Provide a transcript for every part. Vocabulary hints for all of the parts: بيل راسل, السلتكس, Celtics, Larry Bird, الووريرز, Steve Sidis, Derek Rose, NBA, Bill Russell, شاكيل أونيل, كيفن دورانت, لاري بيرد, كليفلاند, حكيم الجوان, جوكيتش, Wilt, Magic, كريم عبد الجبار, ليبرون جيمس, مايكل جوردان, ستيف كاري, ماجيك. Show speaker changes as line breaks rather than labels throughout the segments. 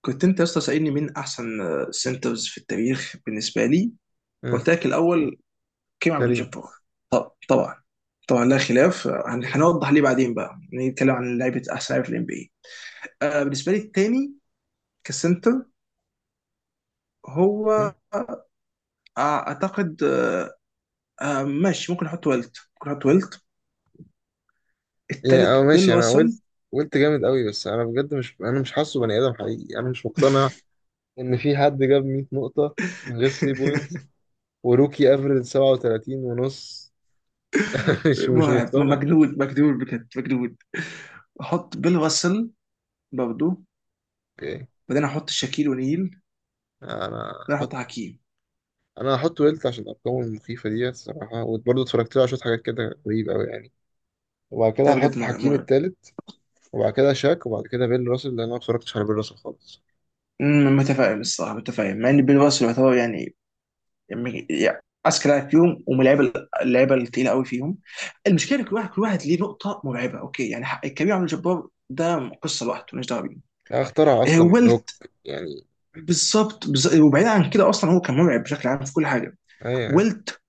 كنت انت يا اسطى سألني مين احسن سنترز في التاريخ بالنسبه لي.
مم.
قلت لك الاول كريم عبد
كريم.
الجبار. طب طبعا طبعا لا خلاف. هنوضح ليه بعدين، بقى نتكلم عن لعيبه احسن لعيبه في الام بي اي. بالنسبه لي الثاني كسنتر
مم.
هو اعتقد ماشي، ممكن احط ويلت، ممكن احط ويلت.
يعني
الثالث
اه
بيل
ماشي، انا
راسل.
قلت جامد قوي، بس انا بجد مش انا مش حاسه بني ادم حقيقي. انا مش مقتنع ان في حد جاب 100 نقطة من غير 3 بوينتس وروكي افريج 37 ونص. مش
مرعب،
مقتنع.
مجنون مجنون، بجد مجنون. احط بيل راسل برضه.
اوكي،
بعدين احط شاكيل ونيل
انا
بعدين
هحط
احط حكيم.
انا هحط ويلت عشان ارقامه المخيفة دي الصراحة، وبرضه اتفرجت له على شوية حاجات كده غريبة قوي يعني. وبعد كده
ده بجد
هحط
مرعب
حكيم
مرعب.
التالت، وبعد كده شاك، وبعد كده بيل راسل لان انا ما اتفرجتش على بيل راسل خالص.
متفائل الصراحه، متفائل مع ان بيل راسل يعتبر يعني اذكى لاعب فيهم، ومن اللعيبه الثقيله قوي فيهم. المشكله إن كل واحد ليه نقطه مرعبه، اوكي؟ يعني كريم عبد الجبار ده قصه لوحده، مالناش دعوه بيه.
لا، اخترع اصلا الهوك
ويلت
يعني.
بالظبط، وبعيد عن كده اصلا هو كان مرعب بشكل عام في كل حاجه.
ايوه يعني.
ويلت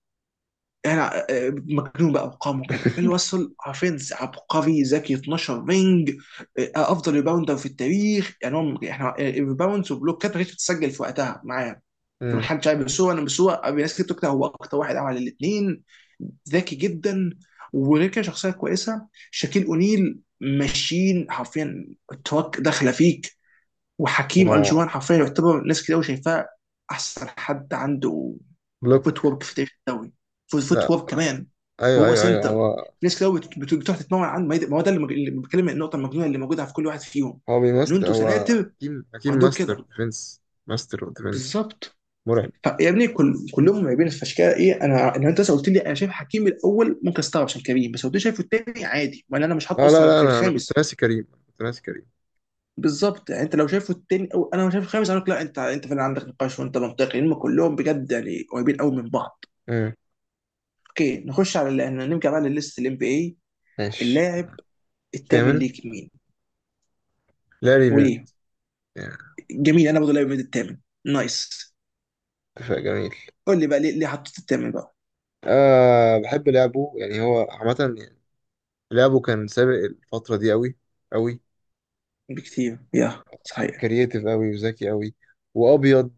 يعني مجنون بقى ارقامه كده. بيل واسل حرفيا عبقري، ذكي، 12 رينج. افضل ريباوندر في التاريخ. يعني احنا الريباوندز وبلوكات ما كانتش بتتسجل في وقتها معاه في محل شاي. بس الناس كتير بتقول هو اكتر واحد عمل الاثنين. ذكي جدا، وغير كده شخصيه كويسه. شاكيل اونيل ماشيين حرفيا، التراك داخله فيك. وحكيم
آه،
الجوان حرفيا يعتبر، ناس كتير قوي شايفاه احسن حد عنده فوت
بلوك.
وورك في تاريخ الدوري. فوت فوت
لا.
وورك كمان،
ايوه
وهو
ايوه ايوه،
سنتر.
هو
ناس كتير قوي بتروح تتمرن عنه. ما هو ده اللي بتكلم، النقطه المجنونه اللي موجوده في كل واحد فيهم
هو
ان
بيمست.
انتوا
هو
سناتر
حكيم
وعندكم
ماستر
كده.
ديفنس. ماستر اوف ديفنس.
بالظبط.
مرعب.
يا ابني كلهم مرعبين، فعشان كده ايه، انا ان انت لسه قلت لي انا شايف حكيم الاول ممكن استغرب عشان كريم، بس لو انت شايفه التاني عادي، ما انا مش حاطه
لا لا
اصلا
لا،
غير
انا كنت
الخامس.
ناسي كريم. أنا كنت ناسي كريم.
بالظبط، يعني انت لو شايفه التاني او انا مش شايف الخامس اقول لك لا، انت فعلا عندك نقاش وانت منطقي، لان كلهم بجد يعني قريبين قوي من بعض.
امم
اوكي نخش على نرجع بقى للست الام بي اي.
ماشي.
اللاعب الثامن
الثامن
ليك مين
لاري بيرد
وليه؟
يعني.
جميل، انا برضه لاعب ميد الثامن. نايس.
اتفاق جميل.
قول لي بقى ليه ليه حطيت الثامن بقى.
بحب لعبه يعني. هو عامة يعني لعبه كان سابق الفترة دي أوي أوي.
بكتير، يا صحيح.
كرييتيف أوي وذكي أوي وأبيض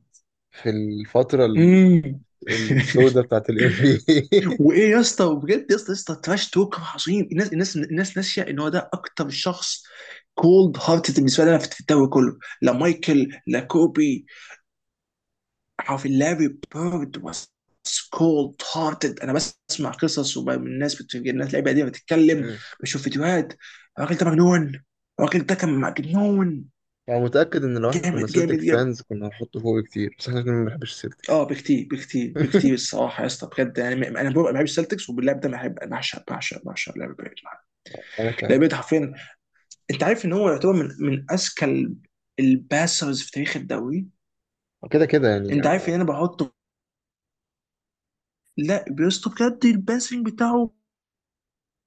في الفترة
امم
السوداء بتاعت ال NBA.
وايه يا اسطى؟ وبجد يا اسطى يا اسطى تراش توك عظيم. الناس ناسيه ان هو ده اكتر شخص كولد هارتد بالنسبه لنا في الدوري كله. لا مايكل لا كوبي، عارف، لاري بيرد واز كولد هارتد. انا بسمع قصص وبقى من الناس اللعيبه دي بتتكلم، بشوف فيديوهات، الراجل ده مجنون. الراجل ده كان مجنون.
يعني متأكد إن لو إحنا كنا
جامد جامد
سيلتك
جامد
فانز كنا هنحطه فوق كتير، بس إحنا كنا ما بنحبش
اه،
السيلتكس.
بكتير بكتير بكتير. الصراحه يا اسطى بجد يعني انا ببقى بحب السلتكس، وباللعب ده بحب بعشق بعشق بعشق لعب بيرد.
أنا كمان.
لعب بيرد حرفيا. انت عارف ان هو يعتبر من اذكى الباسرز في تاريخ الدوري.
كده كده يعني.
انت عارف ان
آه.
انا بحطه؟ لا بيسطو بجد، الباسنج بتاعه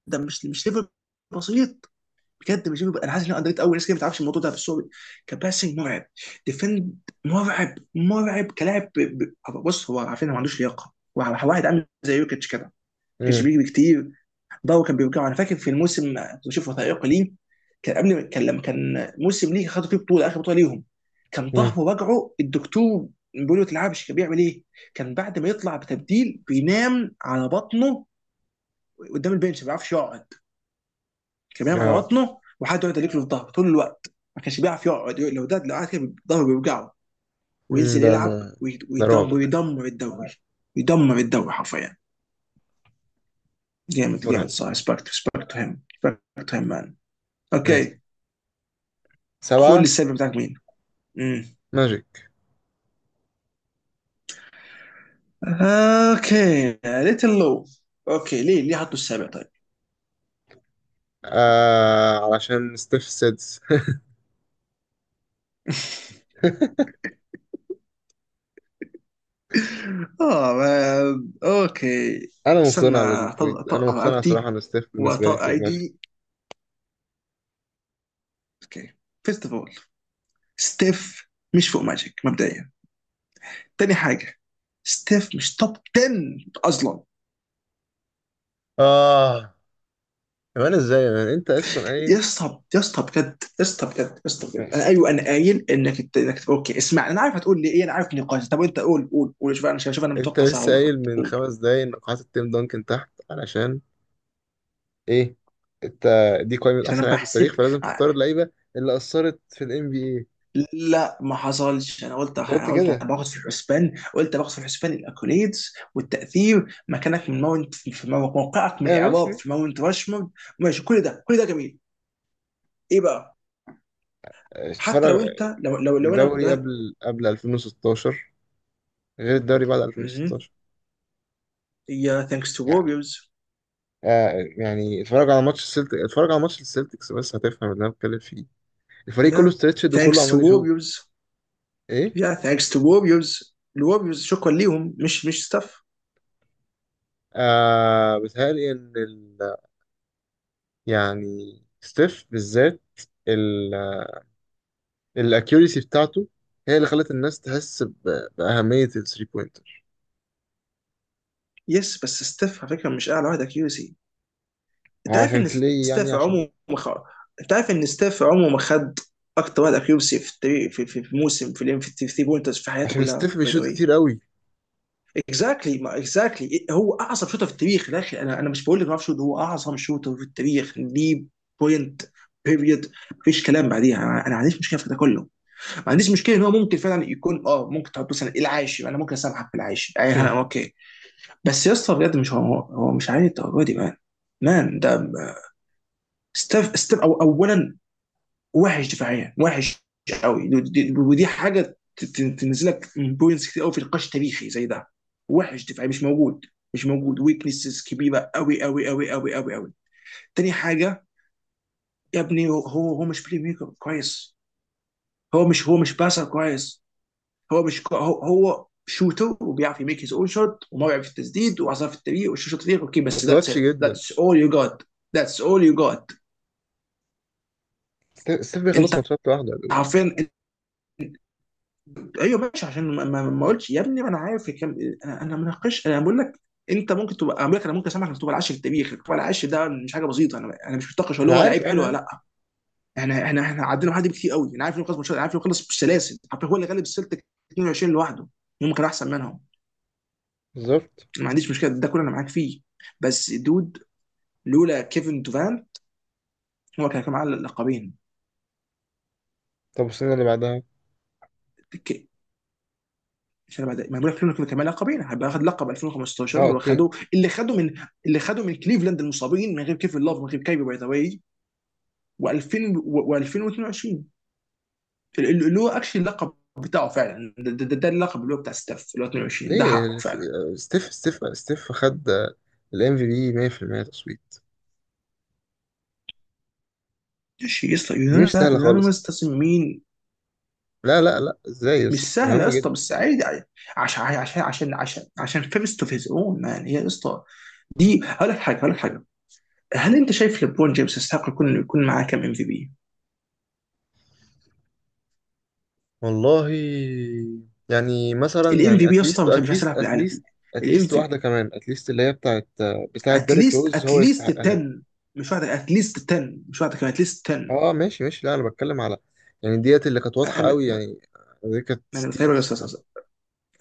ده مش ليفل بسيط، بجد مش ليفل. انا حاسس ان انا اندريت قوي، ناس كده ما تعرفش الموضوع ده، بس هو كباسنج مرعب. ديفند مرعب مرعب كلاعب. بص هو، عارفين هو ما عندوش لياقه، هو واحد عامل زي يوكيتش كده، ما كانش
مم.
بيجري كتير. ضو كان بيرجعه. انا فاكر في الموسم كنت بشوف وثائقي ليه، كان قبل، كان لما كان موسم ليه خدوا فيه بطوله، اخر بطوله ليهم، كان
مم.
طهر رجعه. الدكتور بيقول له تلعبش. كان بيعمل ايه؟ كان بعد ما يطلع بتبديل بينام على بطنه قدام البنش، ما بيعرفش يقعد. كان بينام على
آه.
بطنه وحد يقعد يلك له في ظهره طول الوقت. ما كانش بيعرف يقعد، لو ده لو قعد كده ظهره بيوجعه،
مم.
وينزل
ده
يلعب،
ده رعب
ويدمر
ده.
ويدمر الدوري، يدمر الدوري حرفيا. جامد
مرعب
جامد، صح،
بصراحة.
ريسبكت ريسبكت تو هيم، ريسبكت تو هيم مان.
ماشي.
اوكي قول لي
سبعة.
السابع بتاعك مين. امم
ماجيك.
اوكي، ليتل لو. اوكي ليه ليه حطوا السابع طيب؟
آه، علشان ستيف سيدس.
اه اوكي.
أنا
استنى
مقتنع بالبوينت. أنا
اطلع
مقتنع صراحة
رقبتي
إن ستيف بالنسبة لي
واطلع
فوق ماجيك.
ايدي. اوكي فيرست اوف اول، ستيف مش فوق ماجيك مبدئيا. تاني حاجه، ستيف مش توب 10 اصلا.
آه. كمان إزاي يا مان، أنت أصلا قايل؟
يا اسطى يا اسطى بجد، يا اسطى بجد، يا اسطى بجد انا
ماشي.
ايوه انا قايل انك انت انك تبقى اوكي. اسمع انا عارف هتقول لي ايه، انا عارف نقاش. طب انت قول قول قول، شوف انا شوف انا
أنت
متوقع صح
لسه
ولا
قايل
غلط
من
قول.
5 دقايق إن قاعات التيم دانكن تحت علشان ايه انت. دي قائمه
عشان
احسن
انا
لاعب في التاريخ،
بحسب
فلازم
ع-
تختار اللعيبه اللي اثرت في الام بي اي.
لا ما حصلش، انا قلت
انت قلت
انا قلت انا
كده.
باخد في الحسبان، قلت باخد في الحسبان الاكوليدز والتاثير، مكانك من ماونت في موقعك من
ايوه ماشي
الاعراب
ماشي.
في ماونت راشمورد. ماشي كل ده كل ده جميل. ايه بقى؟ حتى
اتفرج.
لو انت لو لو لو انا
الدوري
لو أنا-
قبل 2016 غير الدوري بعد
مهم.
2016
يا ثانكس تو
يعني.
ووريرز،
آه يعني اتفرج على ماتش السلتك، اتفرج على ماتش السلتكس بس هتفهم اللي انا بتكلم فيه. الفريق كله
يا
ستريتشد وكله
ثانكس تو
عمال يشوط.
ووريرز،
ايه.
يا ثانكس تو ووريرز، الووريرز شكرا ليهم، مش ستاف.
بيتهيألي ان يعني ستيف بالذات الاكيوريسي بتاعته هي اللي خلت الناس تحس بأهمية الثري بوينت.
يس بس ستاف على فكره مش اعلى واحد اكيوسي. انت عارف
عشان
ان
كلي يعني،
ستاف
عشان
عمره ما خ... انت عارف ان ستاف عمره ما خد اكتر واحد اكيوسي في التاريخ في, في, في موسم في الام في 3 بوينترز في حياته
عشان
كلها
ستيف
باي ذا
بيشوط
واي.
كتير قوي.
اكزاكتلي، ما اكزاكتلي هو اعظم شوتر في التاريخ يا اخي. انا مش بقول لك ما اعرفش، هو اعظم شوتر في التاريخ ليه، بوينت بيريد، مفيش كلام بعديها. انا ما عنديش مشكله في ده كله، ما عنديش مشكله ان هو ممكن فعلا يكون اه، ممكن تحط مثلا العاشر، انا ممكن اسامحك في العاشر اي حاجه اوكي. بس يا اسطى بجد مش هو، هو مش عادي الدرجه دي مان. مان ده ستيف، ستيف أو اولا وحش دفاعيا، وحش قوي، ودي حاجه تنزلك بوينتس كتير قوي في نقاش تاريخي زي ده. وحش دفاعي مش موجود، مش موجود. ويكنسز كبيره قوي قوي قوي قوي قوي قوي. تاني حاجه، يا ابني هو مش بلاي ميكر كويس. هو مش باسر كويس. هو مش كو- هو هو شوتر وبيعرف يميك هيز اون شوت، وما بيعرف التسديد وعصف التمرير وشوت فريق، اوكي؟ بس ذاتس
وكلاتش
ات،
جدا.
ذاتس اول يو جوت، ذاتس اول يو جوت.
ستيف بيخلص
انت
ماتشات لوحده.
عارفين؟ ايوه ماشي عشان ما قلتش يا ابني، ما انا عارف كم. انا مناقش، انا بقول لك انت ممكن تبقى، اقول لك انا ممكن اسامحك انك تبقى العاشر في التاريخ، تبقى العاشر ده مش حاجه بسيطه. انا مش بتناقش هل
انا
هو
عارف
لعيب
انا
حلو ولا
عارف.
لا. احنا عدينا حد كتير قوي، انا عارف انه خلص ماتشات، انا عارف انه خلص بالسلاسل، عارف هو اللي غلب السلتك 22 لوحده، ممكن احسن منهم،
بالظبط.
ما عنديش مشكله ده كله، انا معاك فيه. بس دود، لولا كيفن دوفان هو كان معاه اللقبين.
طب السنه اللي بعدها.
ك- مش انا بعد ما بقول لك لولا كيفن كان معاه لقبين، هيبقى اخد لقب 2015
اه
اللي هو
اوكي.
خده، اللي خده من كليفلاند المصابين من غير كيفن لاف من غير كايبي باي ذا واي. و2000 و2022 اللي هو اكشلي اللقب بتاعه فعلا، ده اللقب اللي هو بتاع ستاف، اللي هو 22 ده
ليه
حقه فعلا.
ستيف خد الام في بي 100% تصويت.
ماشي يا اسطى.
دي مش سهله خالص.
يونانيمس تصميمين
لا لا لا، ازاي يا اسطى،
مش سهله يا
مهمه
اسطى،
جدا.
بس عادي عادي. عشان فيرست اوف هيز اون مان، هي يا اسطى. دي هقول لك حاجه، هقول لك حاجه: هل انت شايف ليبرون جيمس يستحق يكون، يكون معاه كم ام في بي؟
والله يعني مثلا
الام في
يعني
بي يا اسطى
اتليست
مش هيلعب
اتليست
في العالم.
اتليست
الام
اتليست
في
واحده كمان. اتليست اللي هي بتاعت ديريك
اتليست،
روز هو
اتليست
يستحقها.
10، مش واحده، اتليست 10 مش واحده كمان، اتليست 10.
اه ماشي ماشي، لا انا بتكلم على يعني ديت اللي كانت واضحه
أنا-
قوي
ما
يعني. دي كانت
انا
60
فاهم يا استاذ.
الصراحة.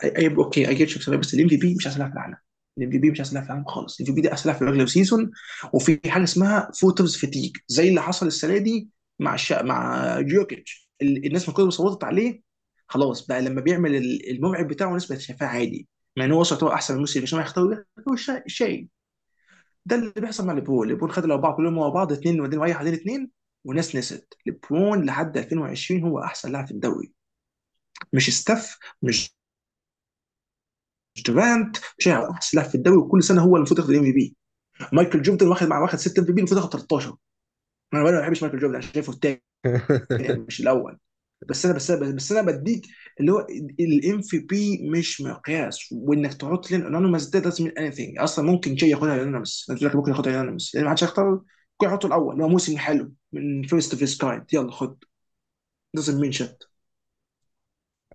اوكي اي جيت شو بسبب، بس الام في بي مش احسن لاعب في العالم. الام في بي مش احسن لاعب في العالم خالص. الام في بي ده احسن لاعب في الريجلر سيزون، وفي حاجه اسمها فوترز فتيج زي اللي حصل السنه دي مع مع جوكيتش. الناس من كتر ما كلها صوتت عليه خلاص بقى، لما بيعمل الموعد بتاعه الناس بقت شايفاه عادي، مع ان هو وصل يعتبر احسن من الموسم، مش هيختاروا. ده هو شيء ده اللي بيحصل مع ليبرون. ليبرون خد الاربعه كلهم ورا بعض، اثنين وبعدين رايح بعدين اثنين، والناس نسيت ليبرون لحد 2020 هو احسن لاعب في الدوري، مش ستاف مش دورانت. شايع احسن لاعب في الدوري وكل سنه هو اللي المفروض ياخد الام في بي. مايكل جوردن واخد، واخد 6 ام في بي، المفروض ياخد 13. انا ما بحبش مايكل جوردن، انا شايفه الثاني يعني مش الاول. بس انا بديك اللي هو الام في بي مش مقياس، وانك تحط لين انونيمس ده doesn't mean anything اصلا. ممكن شيء ياخدها انونيمس، ممكن ياخدها انونيمس لان ما حدش هيختار، ممكن يحطه الاول اللي هو موسم حلو من فيرست اوف هيز كايند، يلا خد. doesn't mean shit.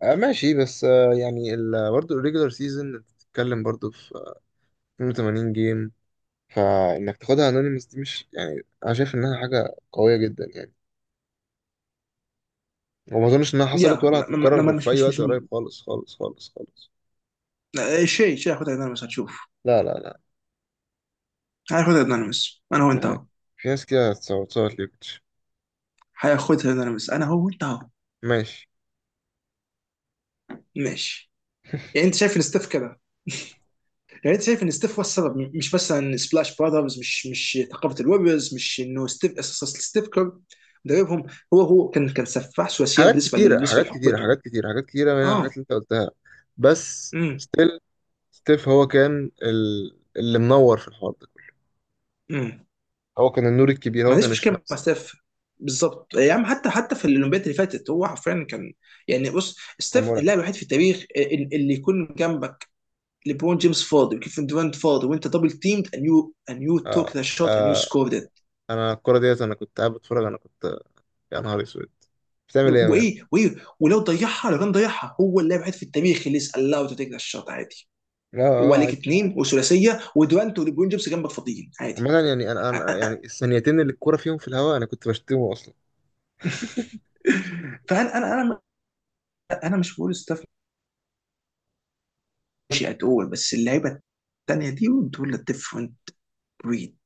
آه ماشي، بس آه يعني برضه الريجولار سيزون بتتكلم برضه في 82 جيم فانك تاخدها انونيمس. دي مش يعني، انا شايف انها حاجه قويه جدا يعني، وما اظنش انها حصلت
يا
ولا
ما ما ما- ما-
هتتكرر في
مش
اي
مش
وقت
مش
قريب خالص خالص خالص خالص.
شيء، شيء هياخدها انونيمس هتشوف.
لا لا لا،
هياخدها انونيمس انا وانت
ما-
أهو.
في ناس كده هتصوت صوت ليكتش.
هياخدها، انا بس انا هو انت اهو.
ماشي.
ماشي. يعني انت شايف ان ستيف كده، يعني انت شايف ان ستيف هو السبب، مش بس ان سبلاش براذرز، مش مش ثقافه الويبرز، مش انه ستيف اساسا، ستيف كير مدربهم. هو كان سفاح ثلاثيات
حاجات
بالنسبه
كتيرة حاجات كتيرة
لحقبته.
حاجات كتيرة حاجات كتيرة منها حاجات
اه.
اللي انت قلتها. بس
امم
ستيل. ستيف هو كان اللي منور في الحوار ده كله.
امم
هو كان النور الكبير.
ما
هو
عنديش
كان
مشكله مع
الشمس.
ستيف. بالظبط يا عم. حتى في الاولمبياد اللي فاتت هو حرفيا كان يعني، بص،
كان
ستيف
مرعب.
اللاعب الوحيد في التاريخ اللي يكون جنبك ليبرون جيمس فاضي وكيفن دورانت فاضي وانت دبل تيمد and you and you took
آه.
the shot and you
آه.
scored it.
انا الكرة ديت، انا كنت قاعد بتفرج، انا كنت يا نهار اسود. بتعمل ايه يا مان؟
وايه، وايه، ولو ضيعها، لو كان ضيعها هو اللاعب الوحيد في التاريخ اللي is allowed to take the shot عادي،
لا، اه
وعليك
عادي.
اثنين وثلاثيه ودورانت وليبرون جيمس جنبك فاضيين، عادي.
عامة يعني، انا يعني الثانيتين اللي الكورة فيهم في الهواء انا كنت بشتمه اصلا.
فانا انا انا مش بقول ستاف ماشي، اتقول بس اللعيبه الثانيه دي دول ديفرنت. بريد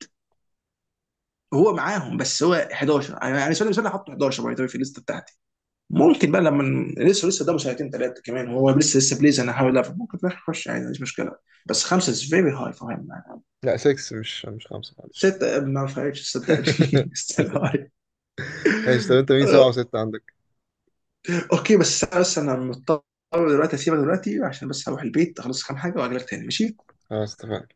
هو معاهم، بس هو 11 انا بالنسبه لي، مش انا حاطه 11 باي ذا في الليست بتاعتي. ممكن بقى لما لسه قدامه سنتين ثلاثه كمان، هو لسه بليز، انا هحاول افهم ممكن في الاخر يخش عادي، مفيش مشكله. بس خمسه از فيري هاي فور هيم.
لا 6 مش خمسة معلش.
سته ما فرقتش صدقني. ستيل هاي.
ماشي، طب انت مين سبعة وستة عندك؟
اوكي بس انا مضطر دلوقتي اسيبك، دلوقتي عشان بس هروح البيت اخلص كام حاجه واجي لك تاني ماشي.
خلاص اتفقنا.